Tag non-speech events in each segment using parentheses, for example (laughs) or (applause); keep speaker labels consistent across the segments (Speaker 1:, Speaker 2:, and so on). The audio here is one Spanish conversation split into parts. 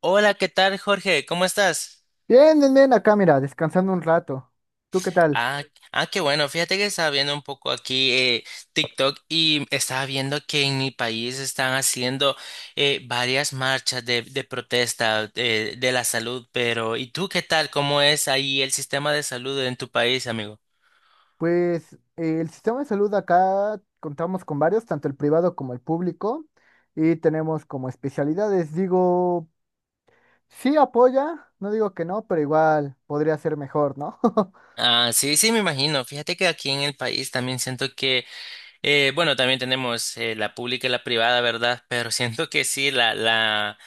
Speaker 1: Hola, ¿qué tal, Jorge? ¿Cómo estás?
Speaker 2: Bien, bien, bien, acá mira, descansando un rato. ¿Tú qué tal?
Speaker 1: Ah, ah, qué bueno. Fíjate que estaba viendo un poco aquí TikTok y estaba viendo que en mi país están haciendo varias marchas de protesta de la salud, pero ¿y tú qué tal? ¿Cómo es ahí el sistema de salud en tu país, amigo?
Speaker 2: Pues el sistema de salud acá contamos con varios, tanto el privado como el público, y tenemos como especialidades. Digo, sí apoya, no digo que no, pero igual podría ser mejor, ¿no? (laughs)
Speaker 1: Ah, sí, sí, me imagino. Fíjate que aquí en el país también siento que bueno, también tenemos la pública y la privada, ¿verdad? Pero (laughs) siento que sí, la, la,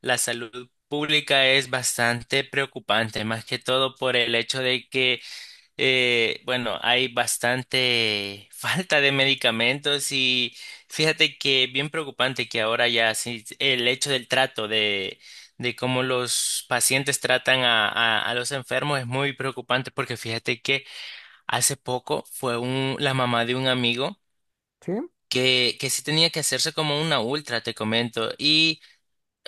Speaker 1: la salud pública es bastante preocupante, más que todo por el hecho de que bueno, hay bastante (laughs) falta de medicamentos. Y fíjate que bien preocupante que ahora ya sí, el hecho del trato de cómo los pacientes tratan a los enfermos es muy preocupante, porque fíjate que hace poco fue la mamá de un amigo
Speaker 2: ¿Sí?
Speaker 1: que sí tenía que hacerse como una ultra, te comento. Y,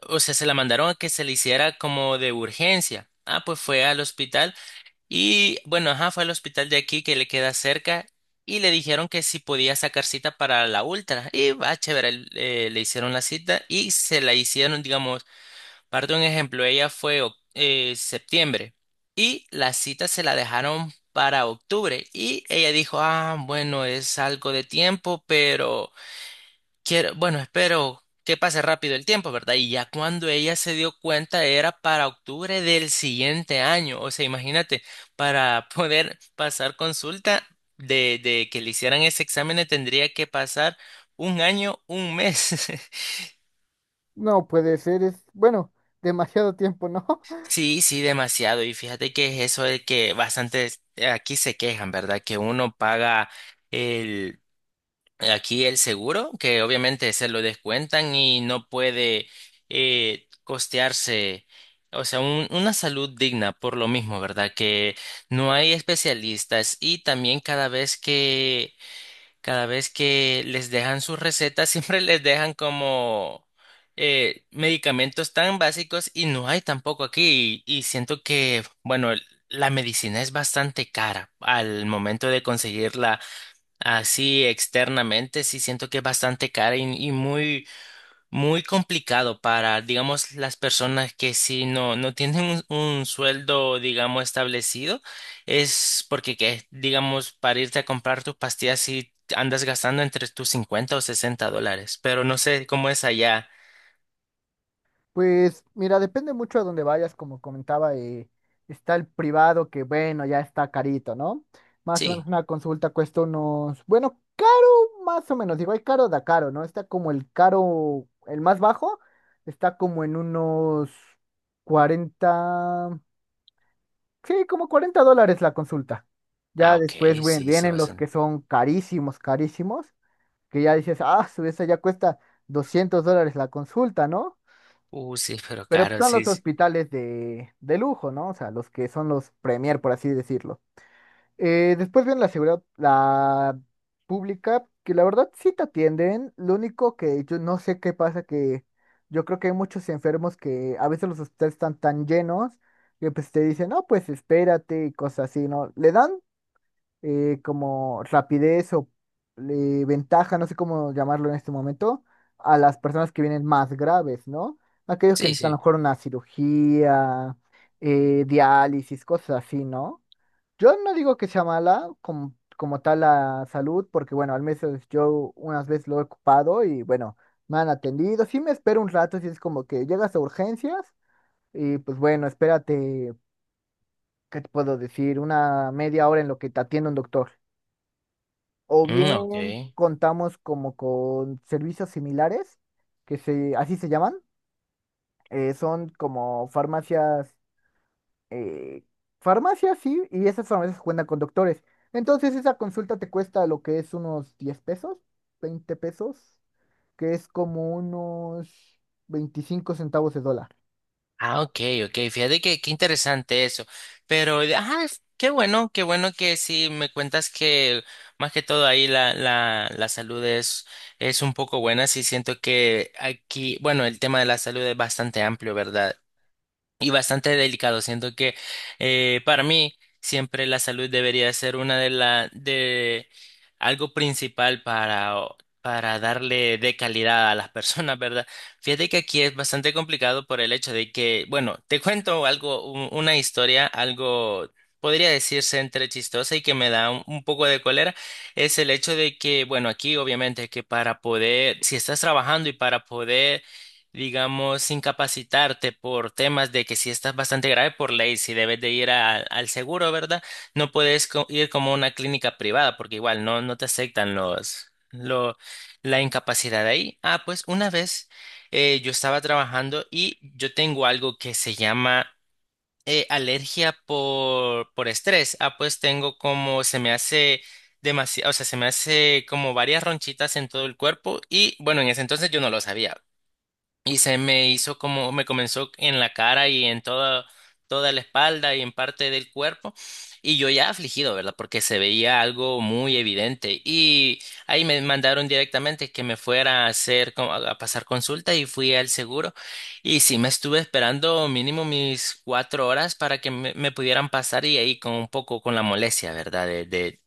Speaker 1: o sea, se la mandaron a que se le hiciera como de urgencia. Ah, pues fue al hospital y, bueno, ajá, fue al hospital de aquí que le queda cerca y le dijeron que si podía sacar cita para la ultra. Y, va, chévere, le hicieron la cita y se la hicieron, digamos, parte de un ejemplo. Ella fue septiembre y la cita se la dejaron para octubre, y ella dijo, ah, bueno, es algo de tiempo, pero quiero, bueno, espero que pase rápido el tiempo, ¿verdad? Y ya cuando ella se dio cuenta era para octubre del siguiente año. O sea, imagínate, para poder pasar consulta, de que le hicieran ese examen, tendría que pasar un año, un mes. (laughs)
Speaker 2: No puede ser, es, bueno, demasiado tiempo, ¿no? (laughs)
Speaker 1: Sí, sí, demasiado. Y fíjate que es eso de que bastantes aquí se quejan, ¿verdad? Que uno paga el... aquí el seguro, que obviamente se lo descuentan y no puede costearse, o sea, una salud digna por lo mismo, ¿verdad? Que no hay especialistas y también cada vez que, les dejan sus recetas, (laughs) siempre les dejan como medicamentos tan básicos, y no hay tampoco aquí. Y siento que, bueno, la medicina es bastante cara al momento de conseguirla. Así externamente, sí siento que es bastante cara y, muy, muy complicado para, digamos, las personas que sí no, no tienen un sueldo, digamos, establecido. Es porque, que, digamos, para irte a comprar tus pastillas sí andas gastando entre tus $50 o $60, pero no sé cómo es allá.
Speaker 2: Pues mira, depende mucho a dónde vayas, como comentaba, está el privado que bueno, ya está carito, ¿no? Más o menos
Speaker 1: Sí.
Speaker 2: una consulta cuesta unos, bueno, caro, más o menos, digo, hay caro da caro, ¿no? Está como el caro, el más bajo, está como en unos 40 sí, como 40 dólares la consulta.
Speaker 1: Ah,
Speaker 2: Ya
Speaker 1: ok,
Speaker 2: después, bueno,
Speaker 1: sí, sí,
Speaker 2: vienen los que
Speaker 1: bastante.
Speaker 2: son carísimos, carísimos, que ya dices, ah, su esa ya cuesta 200 dólares la consulta, ¿no?
Speaker 1: Sí, pero
Speaker 2: Pero
Speaker 1: caro,
Speaker 2: son
Speaker 1: sí,
Speaker 2: los
Speaker 1: sí,
Speaker 2: hospitales de lujo, ¿no? O sea, los que son los premier, por así decirlo. Después viene la seguridad, la pública, que la verdad sí te atienden. Lo único que yo no sé qué pasa, que yo creo que hay muchos enfermos que a veces los hospitales están tan llenos que pues te dicen, no, pues espérate y cosas así, ¿no? Le dan como rapidez o ventaja, no sé cómo llamarlo en este momento, a las personas que vienen más graves, ¿no? Aquellos que
Speaker 1: sí.
Speaker 2: necesitan a lo
Speaker 1: Sí.
Speaker 2: mejor una cirugía, diálisis, cosas así, ¿no? Yo no digo que sea mala como, como tal la salud, porque bueno, al menos yo unas veces lo he ocupado y bueno, me han atendido. Sí me espero un rato, si es como que llegas a urgencias y pues bueno, espérate, ¿qué te puedo decir? Una media hora en lo que te atiende un doctor. O
Speaker 1: Mm, ok.
Speaker 2: bien contamos como con servicios similares, así se llaman. Son como farmacias, eh, sí, y esas farmacias cuentan con doctores. Entonces esa consulta te cuesta lo que es unos 10 pesos, 20 pesos, que es como unos 25 centavos de dólar.
Speaker 1: Ah, ok, ok. Fíjate que qué interesante eso. Pero, ajá, qué bueno que sí me cuentas que más que todo ahí la salud es un poco buena. Sí siento que aquí, bueno, el tema de la salud es bastante amplio, ¿verdad? Y bastante delicado. Siento que para mí siempre la salud debería ser una de la de algo principal para para darle de calidad a las personas, ¿verdad? Fíjate que aquí es bastante complicado por el hecho de que, bueno, te cuento algo, una historia, algo podría decirse entre chistosa y que me da un poco de cólera. Es el hecho de que, bueno, aquí obviamente que para poder, si estás trabajando y para poder, digamos, incapacitarte por temas de que si estás bastante grave por ley, si debes de ir al seguro, ¿verdad? No puedes ir como a una clínica privada porque igual no, no te aceptan la incapacidad ahí. Ah, pues una vez yo estaba trabajando y yo tengo algo que se llama alergia por estrés. Ah, pues tengo, como se me hace demasiado, o sea, se me hace como varias ronchitas en todo el cuerpo, y bueno, en ese entonces yo no lo sabía y se me hizo, como me comenzó en la cara y en toda, la espalda y en parte del cuerpo, y yo ya afligido, ¿verdad? Porque se veía algo muy evidente, y ahí me mandaron directamente que me fuera a hacer como, a pasar consulta, y fui al seguro y sí me estuve esperando mínimo mis 4 horas para que me, pudieran pasar, y ahí con un poco con la molestia, ¿verdad? de de,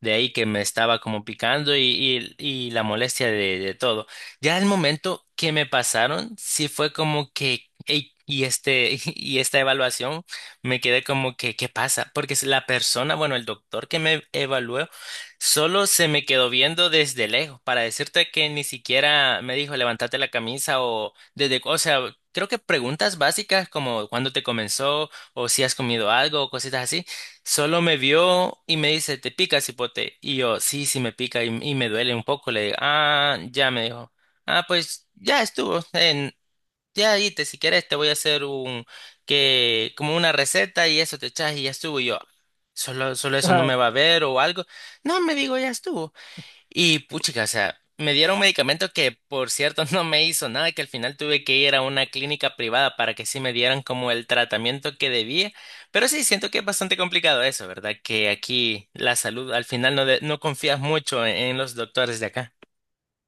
Speaker 1: de ahí que me estaba como picando, y la molestia de todo. Ya el momento que me pasaron, sí fue como que, "Ey, y este, (laughs) y esta evaluación". Me quedé como que, ¿qué pasa? Porque si la persona, bueno, el doctor que me evaluó solo se me quedó viendo desde lejos, para decirte que ni siquiera me dijo, levántate la camisa o desde, o sea, creo que preguntas básicas como cuándo te comenzó o si has comido algo o cositas así. Solo me vio y me dice, ¿te pica, cipote? Y yo, sí, sí me pica y me duele un poco. Le digo, ah, ya me dijo. Ah, pues ya estuvo. Ya te, si quieres, te voy a hacer un, que, como una receta y eso te echas y ya estuvo. Y yo, solo, eso, no me
Speaker 2: (laughs)
Speaker 1: va a ver o algo. No, me digo, ya estuvo. Y puchica, o sea, me dieron un medicamento que por cierto (laughs) no me hizo nada, que al final tuve que ir a una clínica privada para que sí me dieran como el tratamiento que debía. Pero sí, siento que es bastante complicado eso, ¿verdad? Que aquí la salud al final no, no confías mucho en los doctores de acá.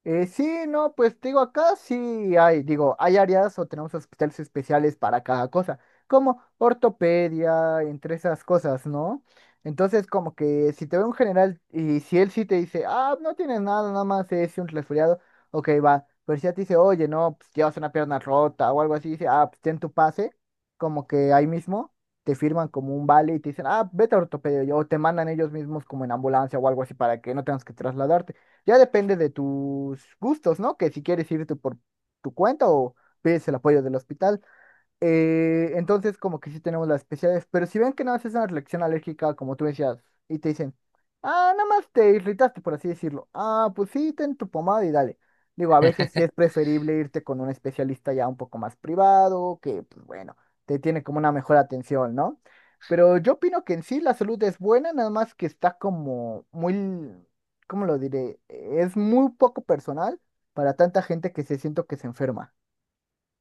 Speaker 2: Sí, no, pues te digo, acá sí hay, digo, hay áreas o tenemos hospitales especiales para cada cosa, como ortopedia, entre esas cosas, ¿no? Entonces, como que si te ve un general y si él sí te dice, ah, no tienes nada, nada más es un resfriado, ok, va, pero si ya te dice, oye, no, pues llevas una pierna rota o algo así, dice, ah, pues ten tu pase, como que ahí mismo te firman como un vale y te dicen, ah, vete a ortopedia, o te mandan ellos mismos como en ambulancia o algo así para que no tengas que trasladarte. Ya depende de tus gustos, ¿no? Que si quieres irte por tu cuenta o pides el apoyo del hospital. Entonces, como que sí tenemos las especialidades, pero si ven que nada más es una reacción alérgica, como tú decías, y te dicen, ah, nada más te irritaste, por así decirlo. Ah, pues sí, ten tu pomada y dale. Digo, a veces sí es preferible irte con un especialista ya un poco más privado, que, pues bueno, te tiene como una mejor atención, ¿no? Pero yo opino que en sí la salud es buena, nada más que está como muy, ¿cómo lo diré? Es muy poco personal para tanta gente que se siento que se enferma.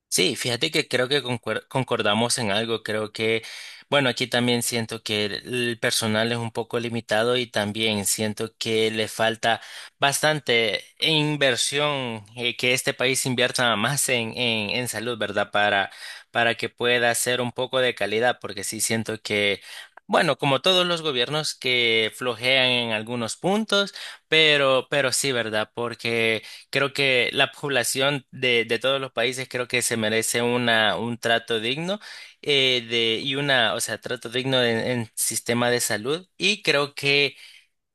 Speaker 1: Sí, fíjate que creo que concordamos en algo. Creo que, bueno, aquí también siento que el personal es un poco limitado, y también siento que le falta bastante inversión, que este país invierta más en salud, ¿verdad? Para que pueda ser un poco de calidad, porque sí siento que, bueno, como todos los gobiernos que flojean en algunos puntos, pero, sí, ¿verdad? Porque creo que la población de todos los países, creo que se merece una, un trato digno y una, o sea, trato digno en, sistema de salud. Y creo que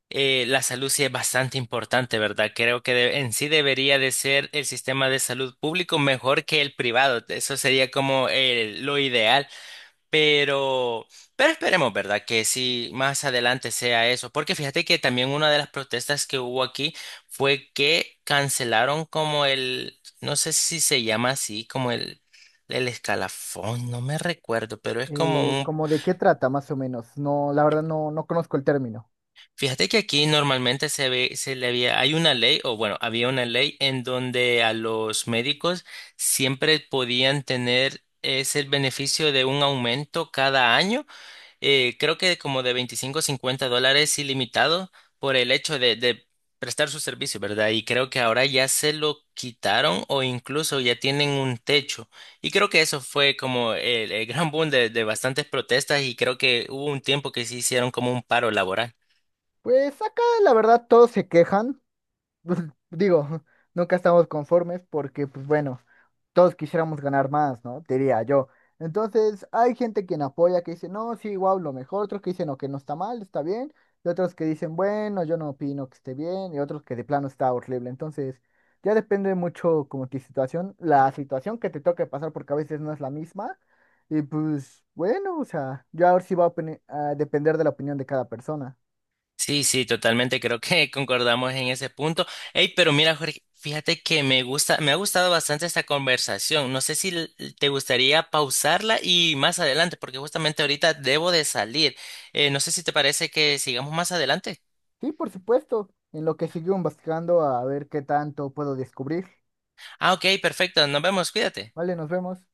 Speaker 1: la salud sí es bastante importante, ¿verdad? Creo que en sí debería de ser el sistema de salud público mejor que el privado. Eso sería como lo ideal. Pero, esperemos, ¿verdad? Que si más adelante sea eso. Porque fíjate que también una de las protestas que hubo aquí fue que cancelaron como el, no sé si se llama así, como el escalafón, no me recuerdo, pero es como un,
Speaker 2: ¿Cómo de qué trata, más o menos? No, la verdad no, no conozco el término.
Speaker 1: fíjate que aquí normalmente se ve, se le había, hay una ley, o bueno, había una ley en donde a los médicos siempre podían tener ese beneficio de un aumento cada año, creo que como de 25 a $50 ilimitado por el hecho de prestar su servicio, ¿verdad? Y creo que ahora ya se lo quitaron o incluso ya tienen un techo. Y creo que eso fue como el gran boom de bastantes protestas, y creo que hubo un tiempo que se hicieron como un paro laboral.
Speaker 2: Pues acá, la verdad, todos se quejan. Pues, digo, (laughs) nunca estamos conformes porque, pues bueno, todos quisiéramos ganar más, ¿no? Diría yo. Entonces, hay gente quien apoya, que dice, no, sí, wow, lo mejor, otros que dicen, no, que no está mal, está bien, y otros que dicen, bueno, yo no opino que esté bien, y otros que de plano está horrible. Entonces, ya depende mucho como tu situación, la situación que te toque pasar, porque a veces no es la misma, y pues bueno, o sea, ya ahora sí va a depender de la opinión de cada persona.
Speaker 1: Sí, sí, totalmente. Creo que (laughs) concordamos en ese punto. Hey, pero mira, Jorge, fíjate que me gusta, me ha gustado bastante esta conversación. No sé si te gustaría pausarla y más adelante, porque justamente ahorita debo de salir. No sé si te parece que sigamos más adelante.
Speaker 2: Sí, por supuesto, en lo que sigo investigando a ver qué tanto puedo descubrir.
Speaker 1: Ah, ok, perfecto. Nos vemos. Cuídate.
Speaker 2: Vale, nos vemos.